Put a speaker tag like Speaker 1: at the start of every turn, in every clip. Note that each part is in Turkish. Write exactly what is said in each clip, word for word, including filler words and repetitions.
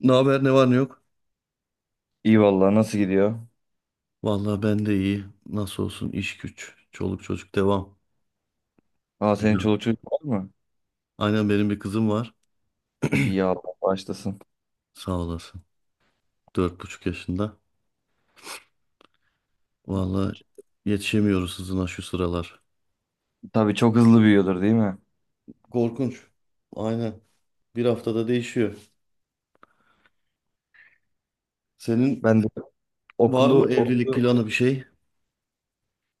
Speaker 1: Ne haber, ne var ne yok?
Speaker 2: İyi vallahi nasıl gidiyor?
Speaker 1: Vallahi ben de iyi. Nasıl olsun iş güç, çoluk çocuk devam.
Speaker 2: Aa, senin
Speaker 1: Güzel.
Speaker 2: çoluk çocuk var mı?
Speaker 1: Aynen, benim bir kızım var.
Speaker 2: İyi, Allah başlasın.
Speaker 1: Sağ olasın. Dört buçuk yaşında. Vallahi yetişemiyoruz hızına şu sıralar.
Speaker 2: Tabii çok hızlı büyüyordur, değil mi?
Speaker 1: Korkunç. Aynen. Bir haftada değişiyor. Senin
Speaker 2: Ben de
Speaker 1: var
Speaker 2: okulu,
Speaker 1: mı evlilik
Speaker 2: okulu
Speaker 1: planı bir şey?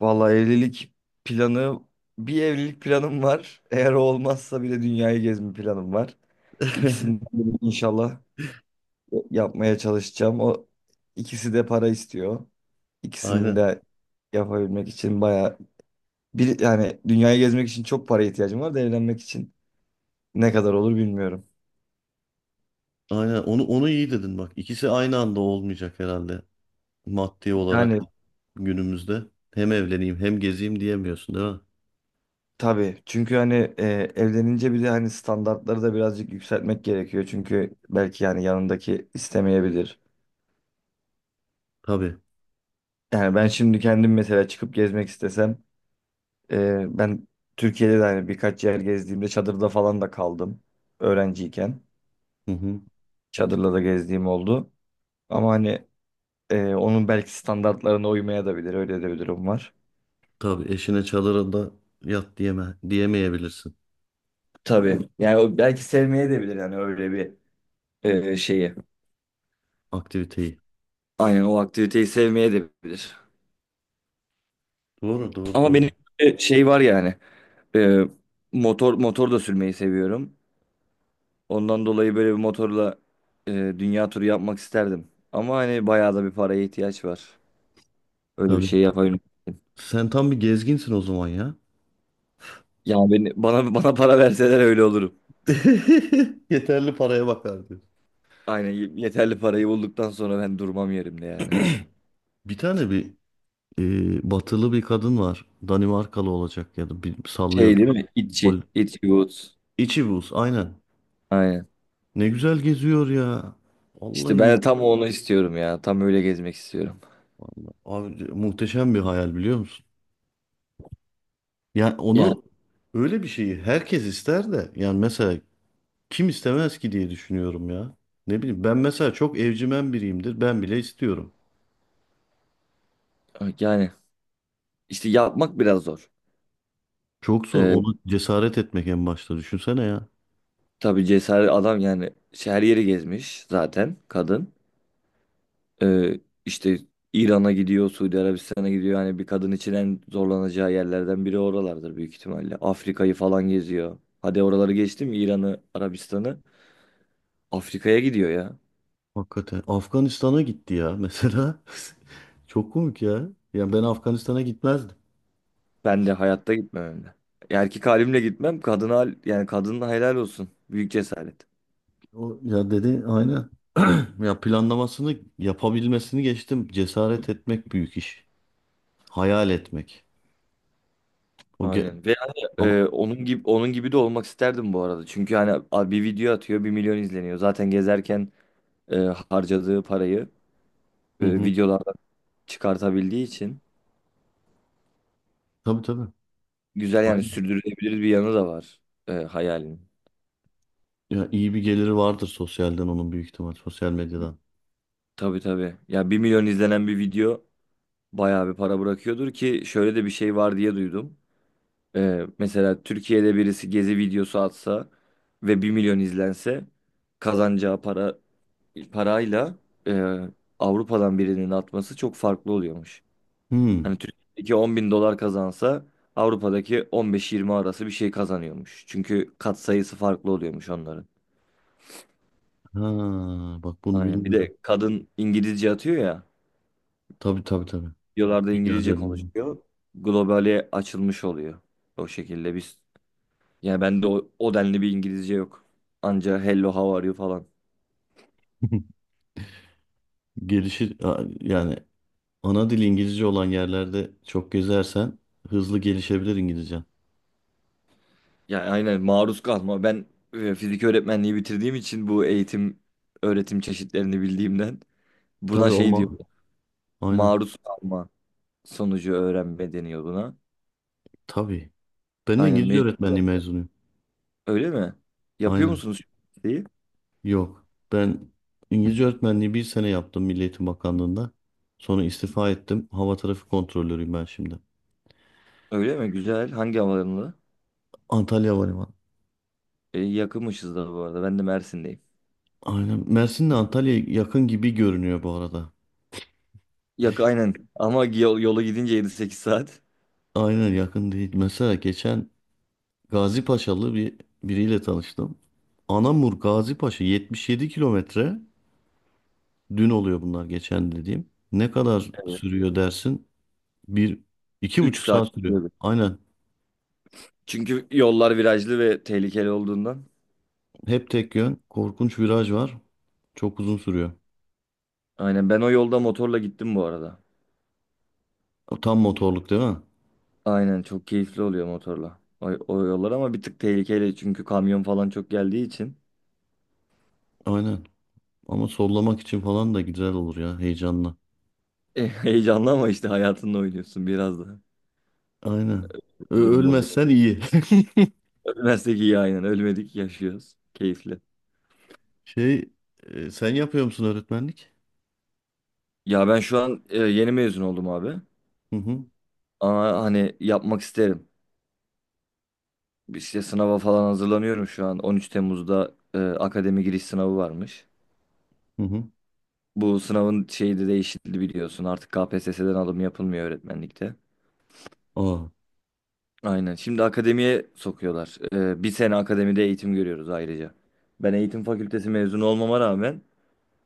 Speaker 2: vallahi evlilik planı Bir evlilik planım var. Eğer o olmazsa bile dünyayı gezme planım var. İkisini de inşallah yapmaya çalışacağım. O ikisi de para istiyor. İkisini
Speaker 1: Aynen.
Speaker 2: de yapabilmek için bayağı bir yani dünyayı gezmek için çok para ihtiyacım var da evlenmek için ne kadar olur bilmiyorum.
Speaker 1: Aynen. Onu onu iyi dedin bak. İkisi aynı anda olmayacak herhalde. Maddi olarak
Speaker 2: Yani.
Speaker 1: günümüzde. Hem evleneyim hem gezeyim diyemiyorsun değil mi?
Speaker 2: Tabii, çünkü hani e, evlenince bir de hani standartları da birazcık yükseltmek gerekiyor. Çünkü belki yani yanındaki istemeyebilir.
Speaker 1: Tabii.
Speaker 2: Yani ben şimdi kendim mesela çıkıp gezmek istesem e, ben Türkiye'de de hani birkaç yer gezdiğimde çadırda falan da kaldım. Öğrenciyken
Speaker 1: Hı hı.
Speaker 2: çadırla da gezdiğim oldu. Ama hani e, onun belki standartlarına uymaya da bilir. Öyle de bir durum var.
Speaker 1: Tabii eşine çadırı da yat diyeme, diyemeyebilirsin
Speaker 2: Tabii, yani o belki sevmeye de bilir yani öyle bir e, şeyi.
Speaker 1: aktiviteyi.
Speaker 2: Aynen, o aktiviteyi sevmeye de bilir.
Speaker 1: Doğru, doğru,
Speaker 2: Ama
Speaker 1: doğru.
Speaker 2: benim bir şey var yani. e, motor motor da sürmeyi seviyorum. Ondan dolayı böyle bir motorla e, dünya turu yapmak isterdim. Ama hani bayağı da bir paraya ihtiyaç var. Öyle bir
Speaker 1: Tabii.
Speaker 2: şey yapabilirim.
Speaker 1: Sen tam bir gezginsin o zaman ya.
Speaker 2: Yani beni, bana bana para verseler öyle olurum.
Speaker 1: Yeterli paraya bakar diyor.
Speaker 2: Aynen, y- yeterli parayı bulduktan sonra ben durmam yerimde yani.
Speaker 1: Bir tane bir e, batılı bir kadın var. Danimarkalı olacak ya da bir
Speaker 2: Şey
Speaker 1: sallıyor.
Speaker 2: değil mi?
Speaker 1: Hol
Speaker 2: İtçi. İtçi Woods.
Speaker 1: İçi buz aynen.
Speaker 2: Aynen.
Speaker 1: Ne güzel geziyor ya.
Speaker 2: İşte
Speaker 1: Vallahi,
Speaker 2: ben
Speaker 1: mu
Speaker 2: de tam onu istiyorum ya. Tam öyle gezmek istiyorum.
Speaker 1: Vallahi abi, muhteşem bir hayal biliyor musun? Yani
Speaker 2: Yani
Speaker 1: onu öyle bir şeyi herkes ister de yani mesela kim istemez ki diye düşünüyorum ya. Ne bileyim, ben mesela çok evcimen biriyimdir. Ben bile istiyorum.
Speaker 2: yani işte yapmak biraz zor.
Speaker 1: Çok zor onu, cesaret etmek en başta, düşünsene ya.
Speaker 2: Tabii cesaret adam yani şey, her yeri gezmiş zaten kadın. Ee, işte İran'a gidiyor, Suudi Arabistan'a gidiyor. Yani bir kadın için en zorlanacağı yerlerden biri oralardır büyük ihtimalle. Afrika'yı falan geziyor. Hadi oraları geçtim, İran'ı, Arabistan'ı. Afrika'ya gidiyor ya.
Speaker 1: Hakikaten Afganistan'a gitti ya mesela. Çok komik ya. Ya ben Afganistan'a gitmezdim.
Speaker 2: Ben de hayatta gitmem hem de. Erkek halimle gitmem. Kadına, yani kadına helal olsun. Büyük cesaret.
Speaker 1: O ya, dedi, aynen. Ya planlamasını yapabilmesini geçtim. Cesaret etmek büyük iş. Hayal etmek. O ge-
Speaker 2: Aynen. Ve hani
Speaker 1: ama
Speaker 2: e, onun gibi onun gibi de olmak isterdim bu arada. Çünkü hani a- bir video atıyor, bir milyon izleniyor. Zaten gezerken e, harcadığı parayı
Speaker 1: hı
Speaker 2: e,
Speaker 1: hı.
Speaker 2: videolardan çıkartabildiği için
Speaker 1: Tabii tabii.
Speaker 2: güzel, yani
Speaker 1: Aynen.
Speaker 2: sürdürülebilir bir yanı da var e, hayalin.
Speaker 1: Ya iyi bir geliri vardır sosyalden onun, büyük ihtimal sosyal medyadan.
Speaker 2: Tabii, tabii. Ya, bir milyon izlenen bir video bayağı bir para bırakıyordur ki şöyle de bir şey var diye duydum. E, mesela Türkiye'de birisi gezi videosu atsa ve bir milyon izlense kazanacağı para parayla e, Avrupa'dan birinin atması çok farklı oluyormuş.
Speaker 1: Hmm.
Speaker 2: Hani Türkiye'deki on bin dolar kazansa Avrupa'daki on beş yirmi arası bir şey kazanıyormuş. Çünkü katsayısı farklı oluyormuş onların.
Speaker 1: Ha, bak bunu
Speaker 2: Aynen. Bir
Speaker 1: bilmiyordum.
Speaker 2: de kadın İngilizce atıyor ya.
Speaker 1: Tabii tabii tabii.
Speaker 2: Videolarda
Speaker 1: Dünya
Speaker 2: İngilizce
Speaker 1: canım.
Speaker 2: konuşuyor. Globale açılmış oluyor. O şekilde biz. Yani bende o, o denli bir İngilizce yok. Anca "hello how are you" falan.
Speaker 1: Gelişir a- yani ana dil İngilizce olan yerlerde çok gezersen hızlı gelişebilir İngilizcen.
Speaker 2: Yani, aynen, maruz kalma. Ben e, fizik öğretmenliği bitirdiğim için bu eğitim öğretim çeşitlerini bildiğimden
Speaker 1: Tabii
Speaker 2: buna
Speaker 1: o
Speaker 2: şey diyor.
Speaker 1: ma aynen.
Speaker 2: Maruz kalma sonucu öğrenme deniyor buna.
Speaker 1: Tabii. Ben de
Speaker 2: Aynen,
Speaker 1: İngilizce öğretmenliği
Speaker 2: mecburen.
Speaker 1: mezunuyum.
Speaker 2: Öyle mi? Yapıyor
Speaker 1: Aynen.
Speaker 2: musunuz şu şeyi?
Speaker 1: Yok. Ben İngilizce öğretmenliği bir sene yaptım Milli Eğitim Bakanlığı'nda. Sonra istifa ettim. Hava trafik kontrolörüyüm ben şimdi.
Speaker 2: Öyle mi? Güzel. Hangi havalarında?
Speaker 1: Antalya Havalimanı.
Speaker 2: E, yakınmışız da bu arada. Ben de Mersin'deyim.
Speaker 1: Aynen. Mersin'le Antalya yakın gibi görünüyor bu arada.
Speaker 2: Yakın, aynen. Ama yol, yola gidince yedi sekiz saat.
Speaker 1: Aynen, yakın değil. Mesela geçen Gazi Paşalı bir biriyle tanıştım. Anamur Gazi Paşa yetmiş yedi kilometre. Dün oluyor bunlar, geçen dediğim. Ne kadar
Speaker 2: Evet.
Speaker 1: sürüyor dersin? Bir, iki
Speaker 2: Üç
Speaker 1: buçuk
Speaker 2: saat.
Speaker 1: saat sürüyor.
Speaker 2: sürüyordu.
Speaker 1: Aynen.
Speaker 2: Çünkü yollar virajlı ve tehlikeli olduğundan.
Speaker 1: Hep tek yön. Korkunç viraj var. Çok uzun sürüyor.
Speaker 2: Aynen. Ben o yolda motorla gittim bu arada.
Speaker 1: Tam motorluk değil mi?
Speaker 2: Aynen. Çok keyifli oluyor motorla. O, o yollar ama bir tık tehlikeli. Çünkü kamyon falan çok geldiği için.
Speaker 1: Aynen. Ama sollamak için falan da güzel olur ya, heyecanla.
Speaker 2: E, heyecanlı ama işte hayatınla oynuyorsun biraz da.
Speaker 1: Aynen.
Speaker 2: Bu
Speaker 1: Ö-
Speaker 2: durum oluyor.
Speaker 1: ölmezsen iyi.
Speaker 2: Ölmezsek iyi, aynen. Ölmedik, yaşıyoruz. Keyifli.
Speaker 1: Şey, e, sen yapıyor musun öğretmenlik?
Speaker 2: Ya, ben şu an e, yeni mezun oldum abi.
Speaker 1: Hı hı.
Speaker 2: Ama hani yapmak isterim. İşte sınava falan hazırlanıyorum şu an. on üç Temmuz'da e, akademi giriş sınavı varmış.
Speaker 1: Hı hı.
Speaker 2: Bu sınavın şeyi de değişti, biliyorsun. Artık K P S S'den alım yapılmıyor öğretmenlikte.
Speaker 1: Aa.
Speaker 2: Aynen. Şimdi akademiye sokuyorlar. E, bir sene akademide eğitim görüyoruz ayrıca. Ben eğitim fakültesi mezunu olmama rağmen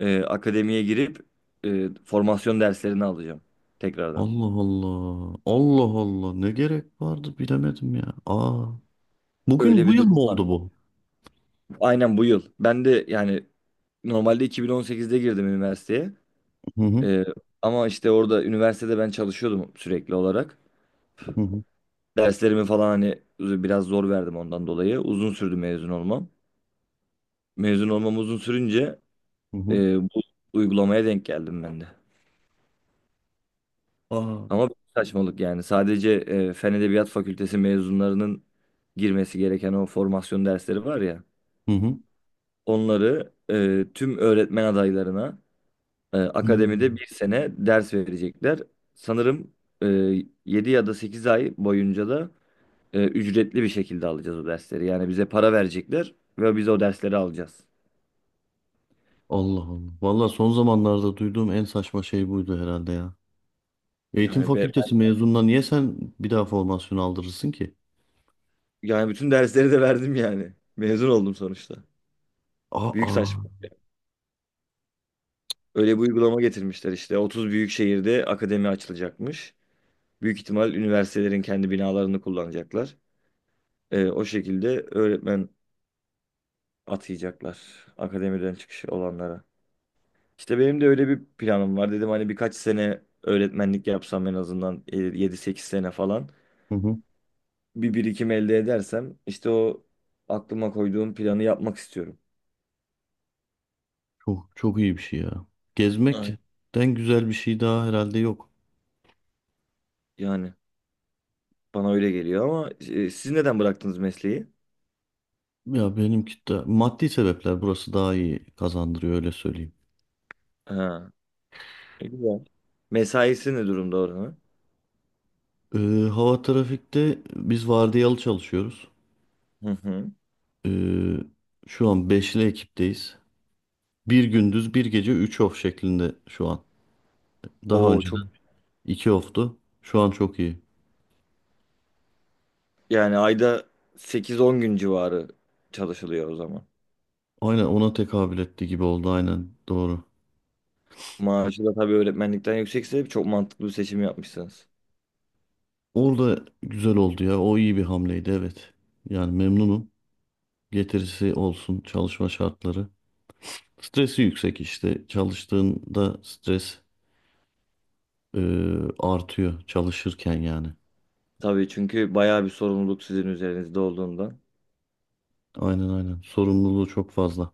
Speaker 2: e, akademiye girip e, formasyon derslerini alacağım tekrardan.
Speaker 1: Allah Allah. Allah Allah. Ne gerek vardı bilemedim ya. Aa. Bugün,
Speaker 2: Öyle
Speaker 1: bu
Speaker 2: bir
Speaker 1: yıl mı
Speaker 2: durum.
Speaker 1: oldu bu?
Speaker 2: Aynen, bu yıl. Ben de yani normalde iki bin on sekizde girdim üniversiteye.
Speaker 1: Hı hı.
Speaker 2: Ee, Ama işte orada üniversitede ben çalışıyordum sürekli olarak.
Speaker 1: Hı hı.
Speaker 2: Derslerimi falan hani biraz zor verdim ondan dolayı. Uzun sürdü mezun olmam. Mezun olmam uzun sürünce
Speaker 1: Hı
Speaker 2: e,
Speaker 1: hı.
Speaker 2: bu uygulamaya denk geldim ben de.
Speaker 1: Aa.
Speaker 2: Ama bir saçmalık yani. Sadece e, Fen Edebiyat Fakültesi mezunlarının girmesi gereken o formasyon dersleri var ya.
Speaker 1: Hı hı.
Speaker 2: Onları e, tüm öğretmen adaylarına, E, akademide
Speaker 1: Hmm.
Speaker 2: bir sene ders verecekler. Sanırım e, yedi ya da sekiz ay boyunca da e, ücretli bir şekilde alacağız o dersleri. Yani bize para verecekler ve biz o dersleri alacağız.
Speaker 1: Allah Allah. Valla son zamanlarda duyduğum en saçma şey buydu herhalde ya. Eğitim
Speaker 2: Yani be,
Speaker 1: fakültesi mezununa niye sen bir daha formasyon aldırırsın ki?
Speaker 2: yani bütün dersleri de verdim yani. Mezun oldum sonuçta. Büyük
Speaker 1: Aa.
Speaker 2: saçma. Öyle bir uygulama getirmişler işte. Otuz büyük şehirde akademi açılacakmış. Büyük ihtimal üniversitelerin kendi binalarını kullanacaklar. E, o şekilde öğretmen atayacaklar akademiden çıkış olanlara. İşte benim de öyle bir planım var. Dedim hani birkaç sene öğretmenlik yapsam en azından e, yedi sekiz sene falan.
Speaker 1: Hı hı.
Speaker 2: Bir birikim elde edersem işte o aklıma koyduğum planı yapmak istiyorum.
Speaker 1: Çok çok iyi bir şey ya.
Speaker 2: Evet.
Speaker 1: Gezmekten güzel bir şey daha herhalde yok.
Speaker 2: Yani bana öyle geliyor ama e, siz neden bıraktınız mesleği?
Speaker 1: Ya benimki de maddi sebepler, burası daha iyi kazandırıyor, öyle söyleyeyim.
Speaker 2: Ha, e, güzel. Mesaisi ne durumda oranın?
Speaker 1: Ee, hava trafikte biz vardiyalı çalışıyoruz.
Speaker 2: Hı hı.
Speaker 1: Ee, şu an beşli ekipteyiz. Bir gündüz bir gece üç off şeklinde şu an. Daha
Speaker 2: Oo, çok
Speaker 1: önceden iki off'tu. Şu an çok iyi.
Speaker 2: yani ayda sekiz on gün civarı çalışılıyor o zaman.
Speaker 1: Aynen, ona tekabül etti gibi oldu, aynen doğru.
Speaker 2: Maaşı da tabii öğretmenlikten yüksekse çok mantıklı bir seçim yapmışsınız.
Speaker 1: Orada güzel oldu ya. O iyi bir hamleydi, evet. Yani memnunum. Getirisi olsun çalışma şartları. Stresi yüksek işte. Çalıştığında stres e, artıyor çalışırken yani.
Speaker 2: Tabii çünkü bayağı bir sorumluluk sizin üzerinizde olduğundan.
Speaker 1: Aynen aynen. Sorumluluğu çok fazla.